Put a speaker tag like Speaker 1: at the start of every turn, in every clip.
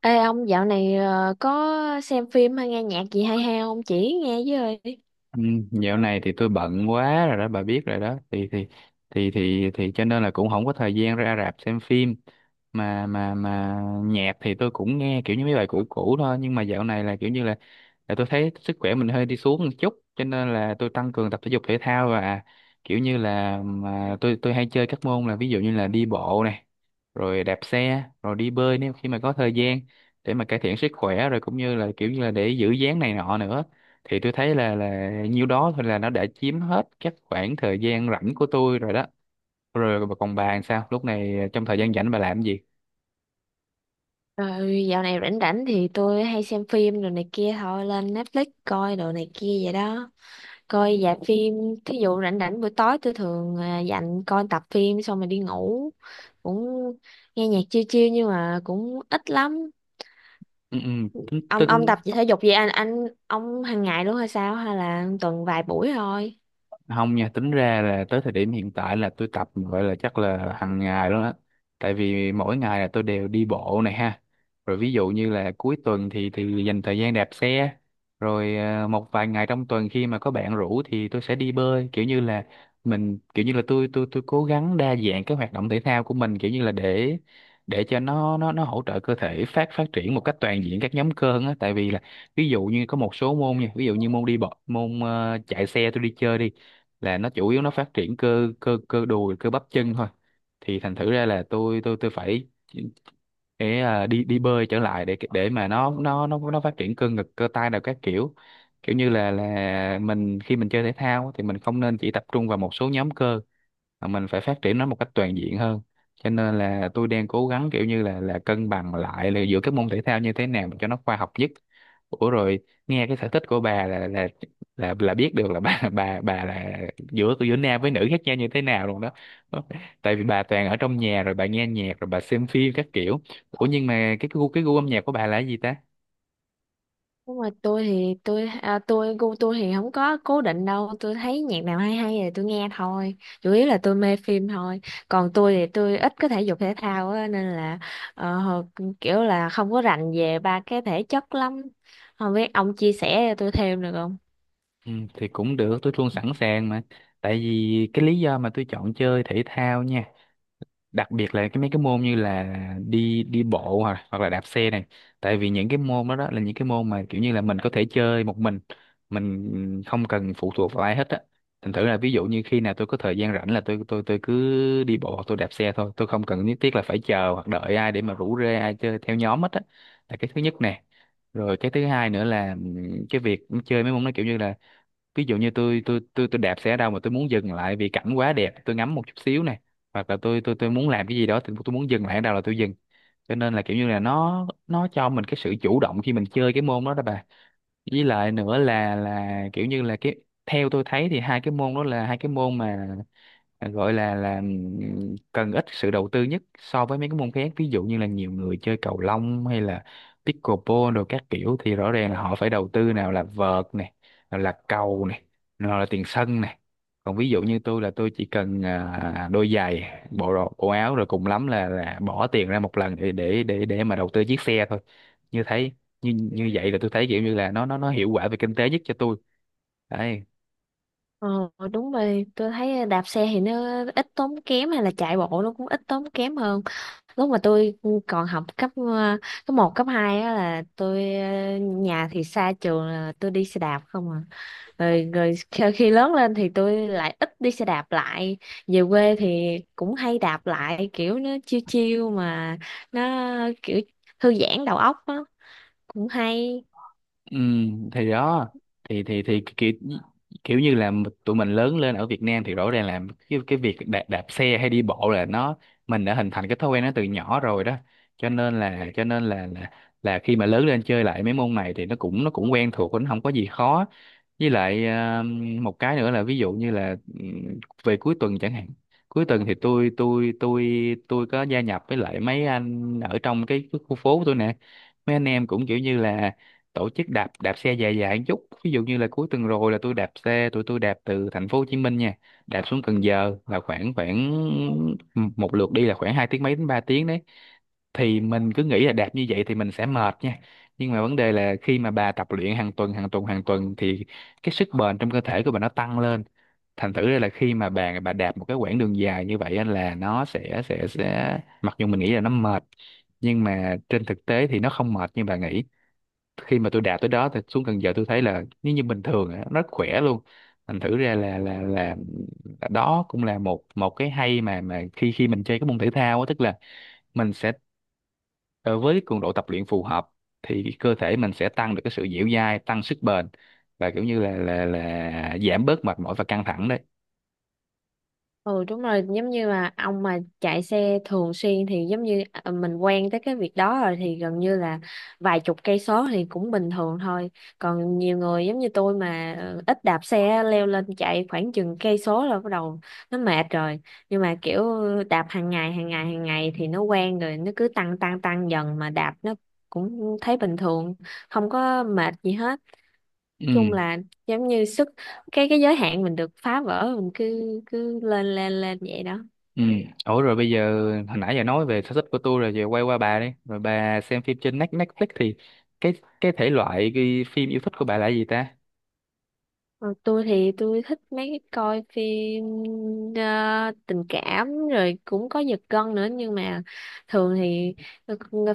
Speaker 1: Ê ông dạo này có xem phim hay nghe nhạc gì hay hay không? Chỉ nghe với ơi.
Speaker 2: Ừ, dạo này thì tôi bận quá rồi đó, bà biết rồi đó, thì cho nên là cũng không có thời gian ra rạp xem phim, mà nhạc thì tôi cũng nghe kiểu như mấy bài cũ cũ thôi. Nhưng mà dạo này là kiểu như là tôi thấy sức khỏe mình hơi đi xuống một chút, cho nên là tôi tăng cường tập thể dục thể thao, và kiểu như là mà tôi hay chơi các môn, là ví dụ như là đi bộ này, rồi đạp xe, rồi đi bơi nếu khi mà có thời gian, để mà cải thiện sức khỏe, rồi cũng như là kiểu như là để giữ dáng này nọ nữa. Thì tôi thấy là nhiêu đó thôi là nó đã chiếm hết các khoảng thời gian rảnh của tôi rồi đó. Rồi còn bà, làm sao lúc này, trong thời gian rảnh bà làm gì?
Speaker 1: Rồi dạo này rảnh rảnh thì tôi hay xem phim rồi này kia thôi, lên Netflix coi đồ này kia vậy đó, coi dạp phim. Thí dụ rảnh rảnh buổi tối tôi thường dành coi tập phim xong rồi đi ngủ, cũng nghe nhạc chill chill nhưng mà cũng ít lắm.
Speaker 2: Ừ, ừ, Ừ.
Speaker 1: Ông tập thể dục gì, anh ông hàng ngày luôn hay sao hay là tuần vài buổi thôi?
Speaker 2: Không nha, tính ra là tới thời điểm hiện tại là tôi tập, gọi là chắc là hàng ngày luôn á. Tại vì mỗi ngày là tôi đều đi bộ này ha, rồi ví dụ như là cuối tuần thì dành thời gian đạp xe, rồi một vài ngày trong tuần khi mà có bạn rủ thì tôi sẽ đi bơi. Kiểu như là mình, kiểu như là tôi cố gắng đa dạng cái hoạt động thể thao của mình, kiểu như là để cho nó hỗ trợ cơ thể phát phát triển một cách toàn diện các nhóm cơ hơn á. Tại vì là, ví dụ như có một số môn nha, ví dụ như môn đi bộ, môn chạy xe tôi đi chơi đi, là nó chủ yếu nó phát triển cơ cơ cơ đùi, cơ bắp chân thôi. Thì thành thử ra là tôi phải để đi đi bơi trở lại, để mà nó phát triển cơ ngực, cơ tay nào các kiểu. Kiểu như là mình, khi mình chơi thể thao thì mình không nên chỉ tập trung vào một số nhóm cơ, mà mình phải phát triển nó một cách toàn diện hơn. Cho nên là tôi đang cố gắng, kiểu như là cân bằng lại là giữa các môn thể thao như thế nào cho nó khoa học nhất. Ủa rồi, nghe cái sở thích của bà là biết được là bà bà là, giữa giữa nam với nữ khác nhau như thế nào luôn đó. Tại vì bà toàn ở trong nhà, rồi bà nghe nhạc, rồi bà xem phim các kiểu. Ủa nhưng mà cái gu âm nhạc của bà là cái gì ta?
Speaker 1: Nhưng mà tôi thì tôi tôi gu tôi thì không có cố định đâu, tôi thấy nhạc nào hay hay thì tôi nghe thôi, chủ yếu là tôi mê phim thôi. Còn tôi thì tôi ít có thể dục thể thao á, nên là ờ, hồi- kiểu là không có rành về ba cái thể chất lắm, không biết ông chia sẻ cho tôi thêm được không?
Speaker 2: Ừ, thì cũng được, tôi luôn sẵn sàng mà. Tại vì cái lý do mà tôi chọn chơi thể thao nha, đặc biệt là cái mấy cái môn như là đi đi bộ, hoặc hoặc là đạp xe này. Tại vì những cái môn đó, đó là những cái môn mà kiểu như là mình có thể chơi một mình không cần phụ thuộc vào ai hết á. Thành thử là, ví dụ như khi nào tôi có thời gian rảnh là tôi cứ đi bộ hoặc tôi đạp xe thôi, tôi không cần nhất thiết là phải chờ hoặc đợi ai để mà rủ rê ai chơi theo nhóm hết á. Là cái thứ nhất nè. Rồi cái thứ hai nữa là cái việc chơi mấy môn nó kiểu như là, ví dụ như tôi đạp xe ở đâu mà tôi muốn dừng lại vì cảnh quá đẹp, tôi ngắm một chút xíu này, hoặc là tôi muốn làm cái gì đó thì tôi muốn dừng lại ở đâu là tôi dừng. Cho nên là kiểu như là nó cho mình cái sự chủ động khi mình chơi cái môn đó đó bà. Với lại nữa là kiểu như là cái, theo tôi thấy thì hai cái môn đó là hai cái môn mà gọi là cần ít sự đầu tư nhất so với mấy cái môn khác, ví dụ như là nhiều người chơi cầu lông, hay là pickleball rồi các kiểu, thì rõ ràng là họ phải đầu tư, nào là vợt này, nào là cầu này, nào là tiền sân này. Còn ví dụ như tôi, là tôi chỉ cần đôi giày, bộ đồ, bộ áo, rồi cùng lắm là bỏ tiền ra một lần để mà đầu tư chiếc xe thôi. Như thấy như như vậy là tôi thấy kiểu như là nó hiệu quả về kinh tế nhất cho tôi đấy.
Speaker 1: Ờ, đúng rồi, tôi thấy đạp xe thì nó ít tốn kém, hay là chạy bộ nó cũng ít tốn kém hơn. Lúc mà tôi còn học cấp cấp một cấp 2 á là tôi, nhà thì xa trường là tôi đi xe đạp không à. Rồi, rồi khi khi lớn lên thì tôi lại ít đi xe đạp lại, về quê thì cũng hay đạp lại, kiểu nó chiêu chiêu mà, nó kiểu thư giãn đầu óc á, cũng hay.
Speaker 2: Ừ, thì đó. Thì kiểu kiểu như là tụi mình lớn lên ở Việt Nam thì rõ ràng là cái việc đạp xe hay đi bộ là nó, mình đã hình thành cái thói quen nó từ nhỏ rồi đó. Cho nên là khi mà lớn lên chơi lại mấy môn này thì nó cũng, nó cũng quen thuộc, nó không có gì khó. Với lại một cái nữa là, ví dụ như là về cuối tuần chẳng hạn. Cuối tuần thì tôi có gia nhập với lại mấy anh ở trong cái khu phố tôi nè, mấy anh em cũng kiểu như là tổ chức đạp đạp xe dài dài một chút. Ví dụ như là cuối tuần rồi là tôi đạp xe, tụi tôi đạp từ thành phố Hồ Chí Minh nha, đạp xuống Cần Giờ, là khoảng khoảng một lượt đi là khoảng 2 tiếng mấy đến 3 tiếng đấy. Thì mình cứ nghĩ là đạp như vậy thì mình sẽ mệt nha, nhưng mà vấn đề là khi mà bà tập luyện hàng tuần hàng tuần hàng tuần thì cái sức bền trong cơ thể của bà nó tăng lên. Thành thử ra là khi mà bà đạp một cái quãng đường dài như vậy á, là nó sẽ, mặc dù mình nghĩ là nó mệt, nhưng mà trên thực tế thì nó không mệt như bà nghĩ. Khi mà tôi đạt tới đó thì xuống Cần Giờ tôi thấy là, nếu như bình thường á, nó rất khỏe luôn. Thành thử ra là đó cũng là một một cái hay, mà khi khi mình chơi cái môn thể thao á, tức là mình sẽ ờ, với cường độ tập luyện phù hợp thì cái cơ thể mình sẽ tăng được cái sự dẻo dai, tăng sức bền, và kiểu như là giảm bớt mệt mỏi và căng thẳng đấy.
Speaker 1: Ừ đúng rồi, giống như là ông mà chạy xe thường xuyên thì giống như mình quen tới cái việc đó rồi thì gần như là vài chục cây số thì cũng bình thường thôi. Còn nhiều người giống như tôi mà ít đạp xe, leo lên chạy khoảng chừng cây số là bắt đầu nó mệt rồi. Nhưng mà kiểu đạp hàng ngày hàng ngày hàng ngày thì nó quen rồi, nó cứ tăng tăng tăng dần mà đạp, nó cũng thấy bình thường, không có mệt gì hết. Chung
Speaker 2: Ừ.
Speaker 1: là giống như sức, cái giới hạn mình được phá vỡ, mình cứ cứ lên lên lên vậy đó.
Speaker 2: Ừ. Ủa rồi bây giờ, hồi nãy giờ nói về sở thích của tôi rồi, giờ quay qua bà đi, rồi bà xem phim trên Netflix thì, cái cái thể loại, cái phim yêu thích của bà là gì ta?
Speaker 1: Còn tôi thì tôi thích mấy cái coi phim tình cảm rồi cũng có giật gân nữa, nhưng mà thường thì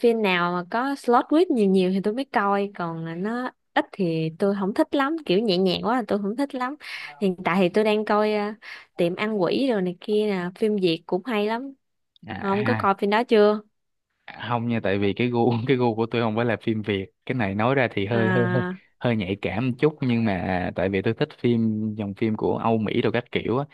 Speaker 1: phim nào mà có slot twist nhiều nhiều thì tôi mới coi, còn nó ít thì tôi không thích lắm, kiểu nhẹ nhàng quá là tôi không thích lắm. Hiện tại thì tôi đang coi Tiệm Ăn Quỷ rồi này kia nè, phim Việt cũng hay lắm. Không có
Speaker 2: À,
Speaker 1: coi phim đó chưa?
Speaker 2: à, không nha, tại vì cái gu cái gu của tôi không phải là phim Việt. Cái này nói ra thì hơi hơi hơi
Speaker 1: À,
Speaker 2: hơi nhạy cảm một chút, nhưng mà tại vì tôi thích phim, dòng phim của Âu Mỹ đồ các kiểu á.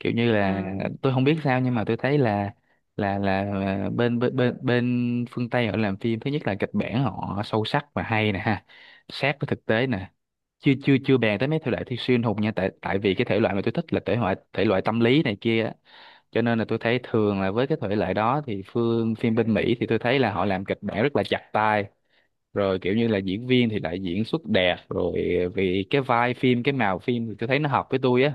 Speaker 2: Kiểu như là
Speaker 1: à,
Speaker 2: tôi không biết sao, nhưng mà tôi thấy là bên bên bên bên phương Tây họ làm phim, thứ nhất là kịch bản họ sâu sắc và hay nè ha, sát với thực tế nè. Chưa chưa Chưa bàn tới mấy thể loại thi siêu anh hùng nha, tại tại vì cái thể loại mà tôi thích là thể loại, tâm lý này kia. Cho nên là tôi thấy thường là, với cái thể loại đó thì phương phim bên Mỹ thì tôi thấy là họ làm kịch bản rất là chặt tay, rồi kiểu như là diễn viên thì lại diễn xuất đẹp, rồi vì cái vai phim, cái màu phim thì tôi thấy nó hợp với tôi á.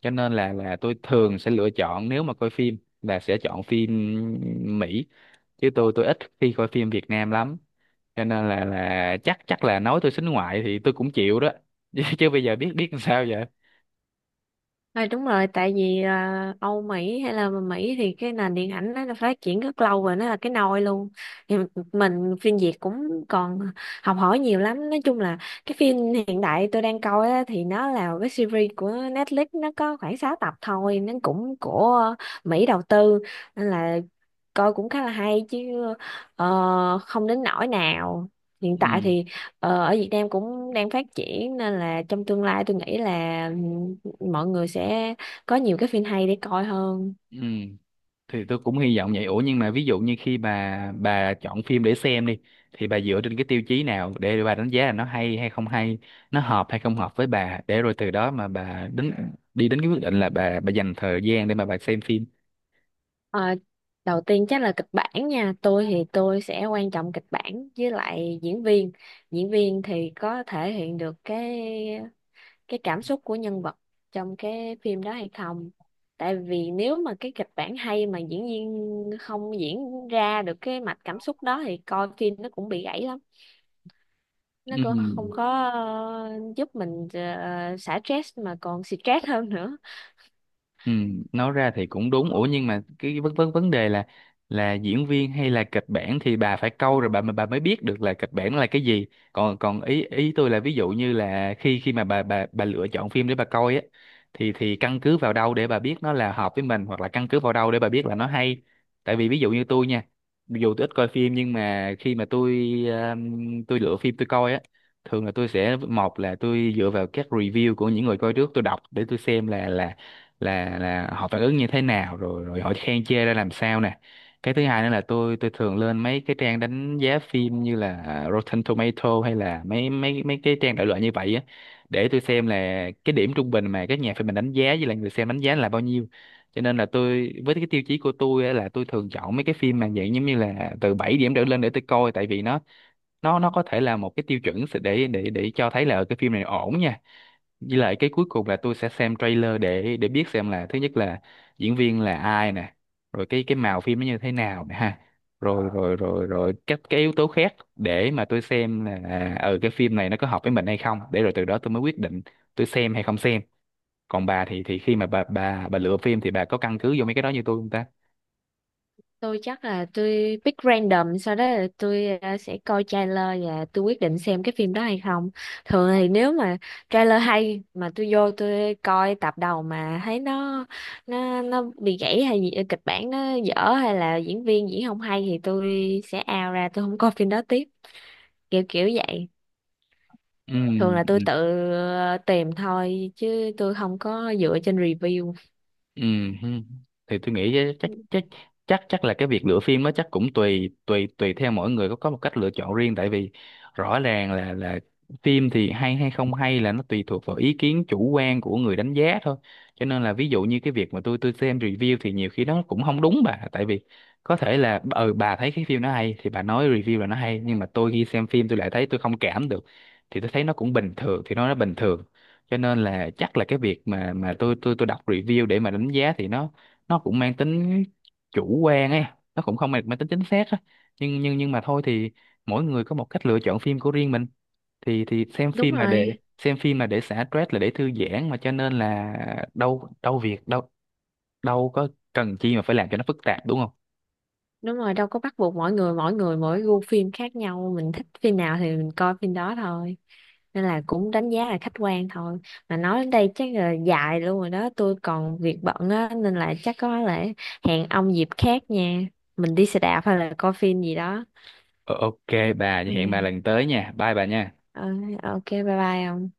Speaker 2: Cho nên là tôi thường sẽ lựa chọn, nếu mà coi phim là sẽ chọn phim Mỹ, chứ tôi ít khi coi phim Việt Nam lắm. Cho nên là chắc chắc là nói tôi xính ngoại thì tôi cũng chịu đó chứ chứ bây giờ biết biết làm sao vậy.
Speaker 1: thôi đúng rồi, tại vì Âu Mỹ hay là Mỹ thì cái nền điện ảnh nó đã phát triển rất lâu rồi, nó là cái nôi luôn. Thì mình phim Việt cũng còn học hỏi nhiều lắm. Nói chung là cái phim hiện đại tôi đang coi á, thì nó là cái series của Netflix, nó có khoảng 6 tập thôi, nó cũng của Mỹ đầu tư, nên là coi cũng khá là hay chứ, không đến nỗi nào. Hiện tại
Speaker 2: Ừ.
Speaker 1: thì ở Việt Nam cũng đang phát triển, nên là trong tương lai tôi nghĩ là mọi người sẽ có nhiều cái phim hay để coi hơn.
Speaker 2: Ừ, thì tôi cũng hy vọng vậy. Ủa nhưng mà ví dụ như khi bà chọn phim để xem đi, thì bà dựa trên cái tiêu chí nào để bà đánh giá là nó hay hay không hay, nó hợp hay không hợp với bà, để rồi từ đó mà bà đi đến cái quyết định là bà dành thời gian để mà bà xem phim?
Speaker 1: Ờ, đầu tiên chắc là kịch bản nha, tôi thì tôi sẽ quan trọng kịch bản với lại diễn viên. Diễn viên thì có thể hiện được cái cảm xúc của nhân vật trong cái phim đó hay không, tại vì nếu mà cái kịch bản hay mà diễn viên không diễn ra được cái mạch cảm xúc đó thì coi phim nó cũng bị gãy lắm, nó
Speaker 2: Ừ.
Speaker 1: cũng không có ờ, giúp mình xả stress mà còn stress hơn nữa.
Speaker 2: Ừ, nói ra thì cũng đúng. Ủa nhưng mà cái vấn vấn vấn đề là diễn viên hay là kịch bản thì bà phải câu rồi bà mới biết được là kịch bản là cái gì. Còn còn ý ý tôi là ví dụ như là khi khi mà bà lựa chọn phim để bà coi á thì căn cứ vào đâu để bà biết nó là hợp với mình hoặc là căn cứ vào đâu để bà biết là nó hay. Tại vì ví dụ như tôi nha, dù tôi ít coi phim nhưng mà khi mà tôi lựa phim tôi coi á, thường là tôi sẽ một là tôi dựa vào các review của những người coi trước tôi đọc để tôi xem là họ phản ứng như thế nào rồi rồi họ khen chê ra làm sao nè. Cái thứ hai nữa là tôi thường lên mấy cái trang đánh giá phim như là à, Rotten Tomato hay là mấy mấy mấy cái trang đại loại như vậy á, để tôi xem là cái điểm trung bình mà các nhà phê bình đánh giá với lại người xem đánh giá là bao nhiêu. Cho nên là tôi với cái tiêu chí của tôi á, là tôi thường chọn mấy cái phim mà dạng giống như là từ 7 điểm trở lên để tôi coi, tại vì nó nó có thể là một cái tiêu chuẩn để để cho thấy là cái phim này ổn nha. Với lại cái cuối cùng là tôi sẽ xem trailer để biết xem là thứ nhất là diễn viên là ai nè, rồi cái màu phim nó như thế nào nè ha, rồi rồi các cái yếu tố khác để mà tôi xem là ờ cái phim này nó có hợp với mình hay không, để rồi từ đó tôi mới quyết định tôi xem hay không xem. Còn bà thì khi mà bà lựa phim thì bà có căn cứ vô mấy cái đó như tôi không ta?
Speaker 1: Tôi chắc là tôi pick random, sau đó là tôi sẽ coi trailer và tôi quyết định xem cái phim đó hay không. Thường thì nếu mà trailer hay mà tôi vô tôi coi tập đầu mà thấy nó, nó bị gãy hay gì, kịch bản nó dở hay là diễn viên diễn không hay thì tôi sẽ out ra, tôi không coi phim đó tiếp, kiểu kiểu vậy. Thường là tôi
Speaker 2: Ừ.
Speaker 1: tự tìm thôi chứ tôi không có dựa trên review.
Speaker 2: Ừ, hừ. Thì tôi nghĩ chắc chắc chắc chắc là cái việc lựa phim nó chắc cũng tùy tùy tùy theo mỗi người, có một cách lựa chọn riêng, tại vì rõ ràng là phim thì hay hay không hay là nó tùy thuộc vào ý kiến chủ quan của người đánh giá thôi. Cho nên là ví dụ như cái việc mà tôi xem review thì nhiều khi nó cũng không đúng bà, tại vì có thể là ừ bà thấy cái phim nó hay thì bà nói review là nó hay, nhưng mà tôi khi xem phim tôi lại thấy tôi không cảm được, thì tôi thấy nó cũng bình thường thì nó bình thường. Cho nên là chắc là cái việc mà tôi đọc review để mà đánh giá thì nó cũng mang tính chủ quan ấy, nó cũng không mang mang tính chính xác á. Nhưng mà thôi thì mỗi người có một cách lựa chọn phim của riêng mình, thì xem
Speaker 1: Đúng
Speaker 2: phim là để
Speaker 1: rồi,
Speaker 2: xem phim là để xả stress là để thư giãn mà, cho nên là đâu đâu việc đâu đâu có cần chi mà phải làm cho nó phức tạp đúng không.
Speaker 1: đúng rồi, đâu có bắt buộc, mỗi người mỗi người mỗi gu phim khác nhau, mình thích phim nào thì mình coi phim đó thôi, nên là cũng đánh giá là khách quan thôi. Mà nói đến đây chắc là dài luôn rồi đó, tôi còn việc bận á, nên là chắc có lẽ hẹn ông dịp khác nha, mình đi xe đạp hay là coi phim gì đó.
Speaker 2: Ờ, ok bà, hẹn bà
Speaker 1: Ok.
Speaker 2: lần tới nha, bye bà nha.
Speaker 1: Ờ, ok, bye bye ông.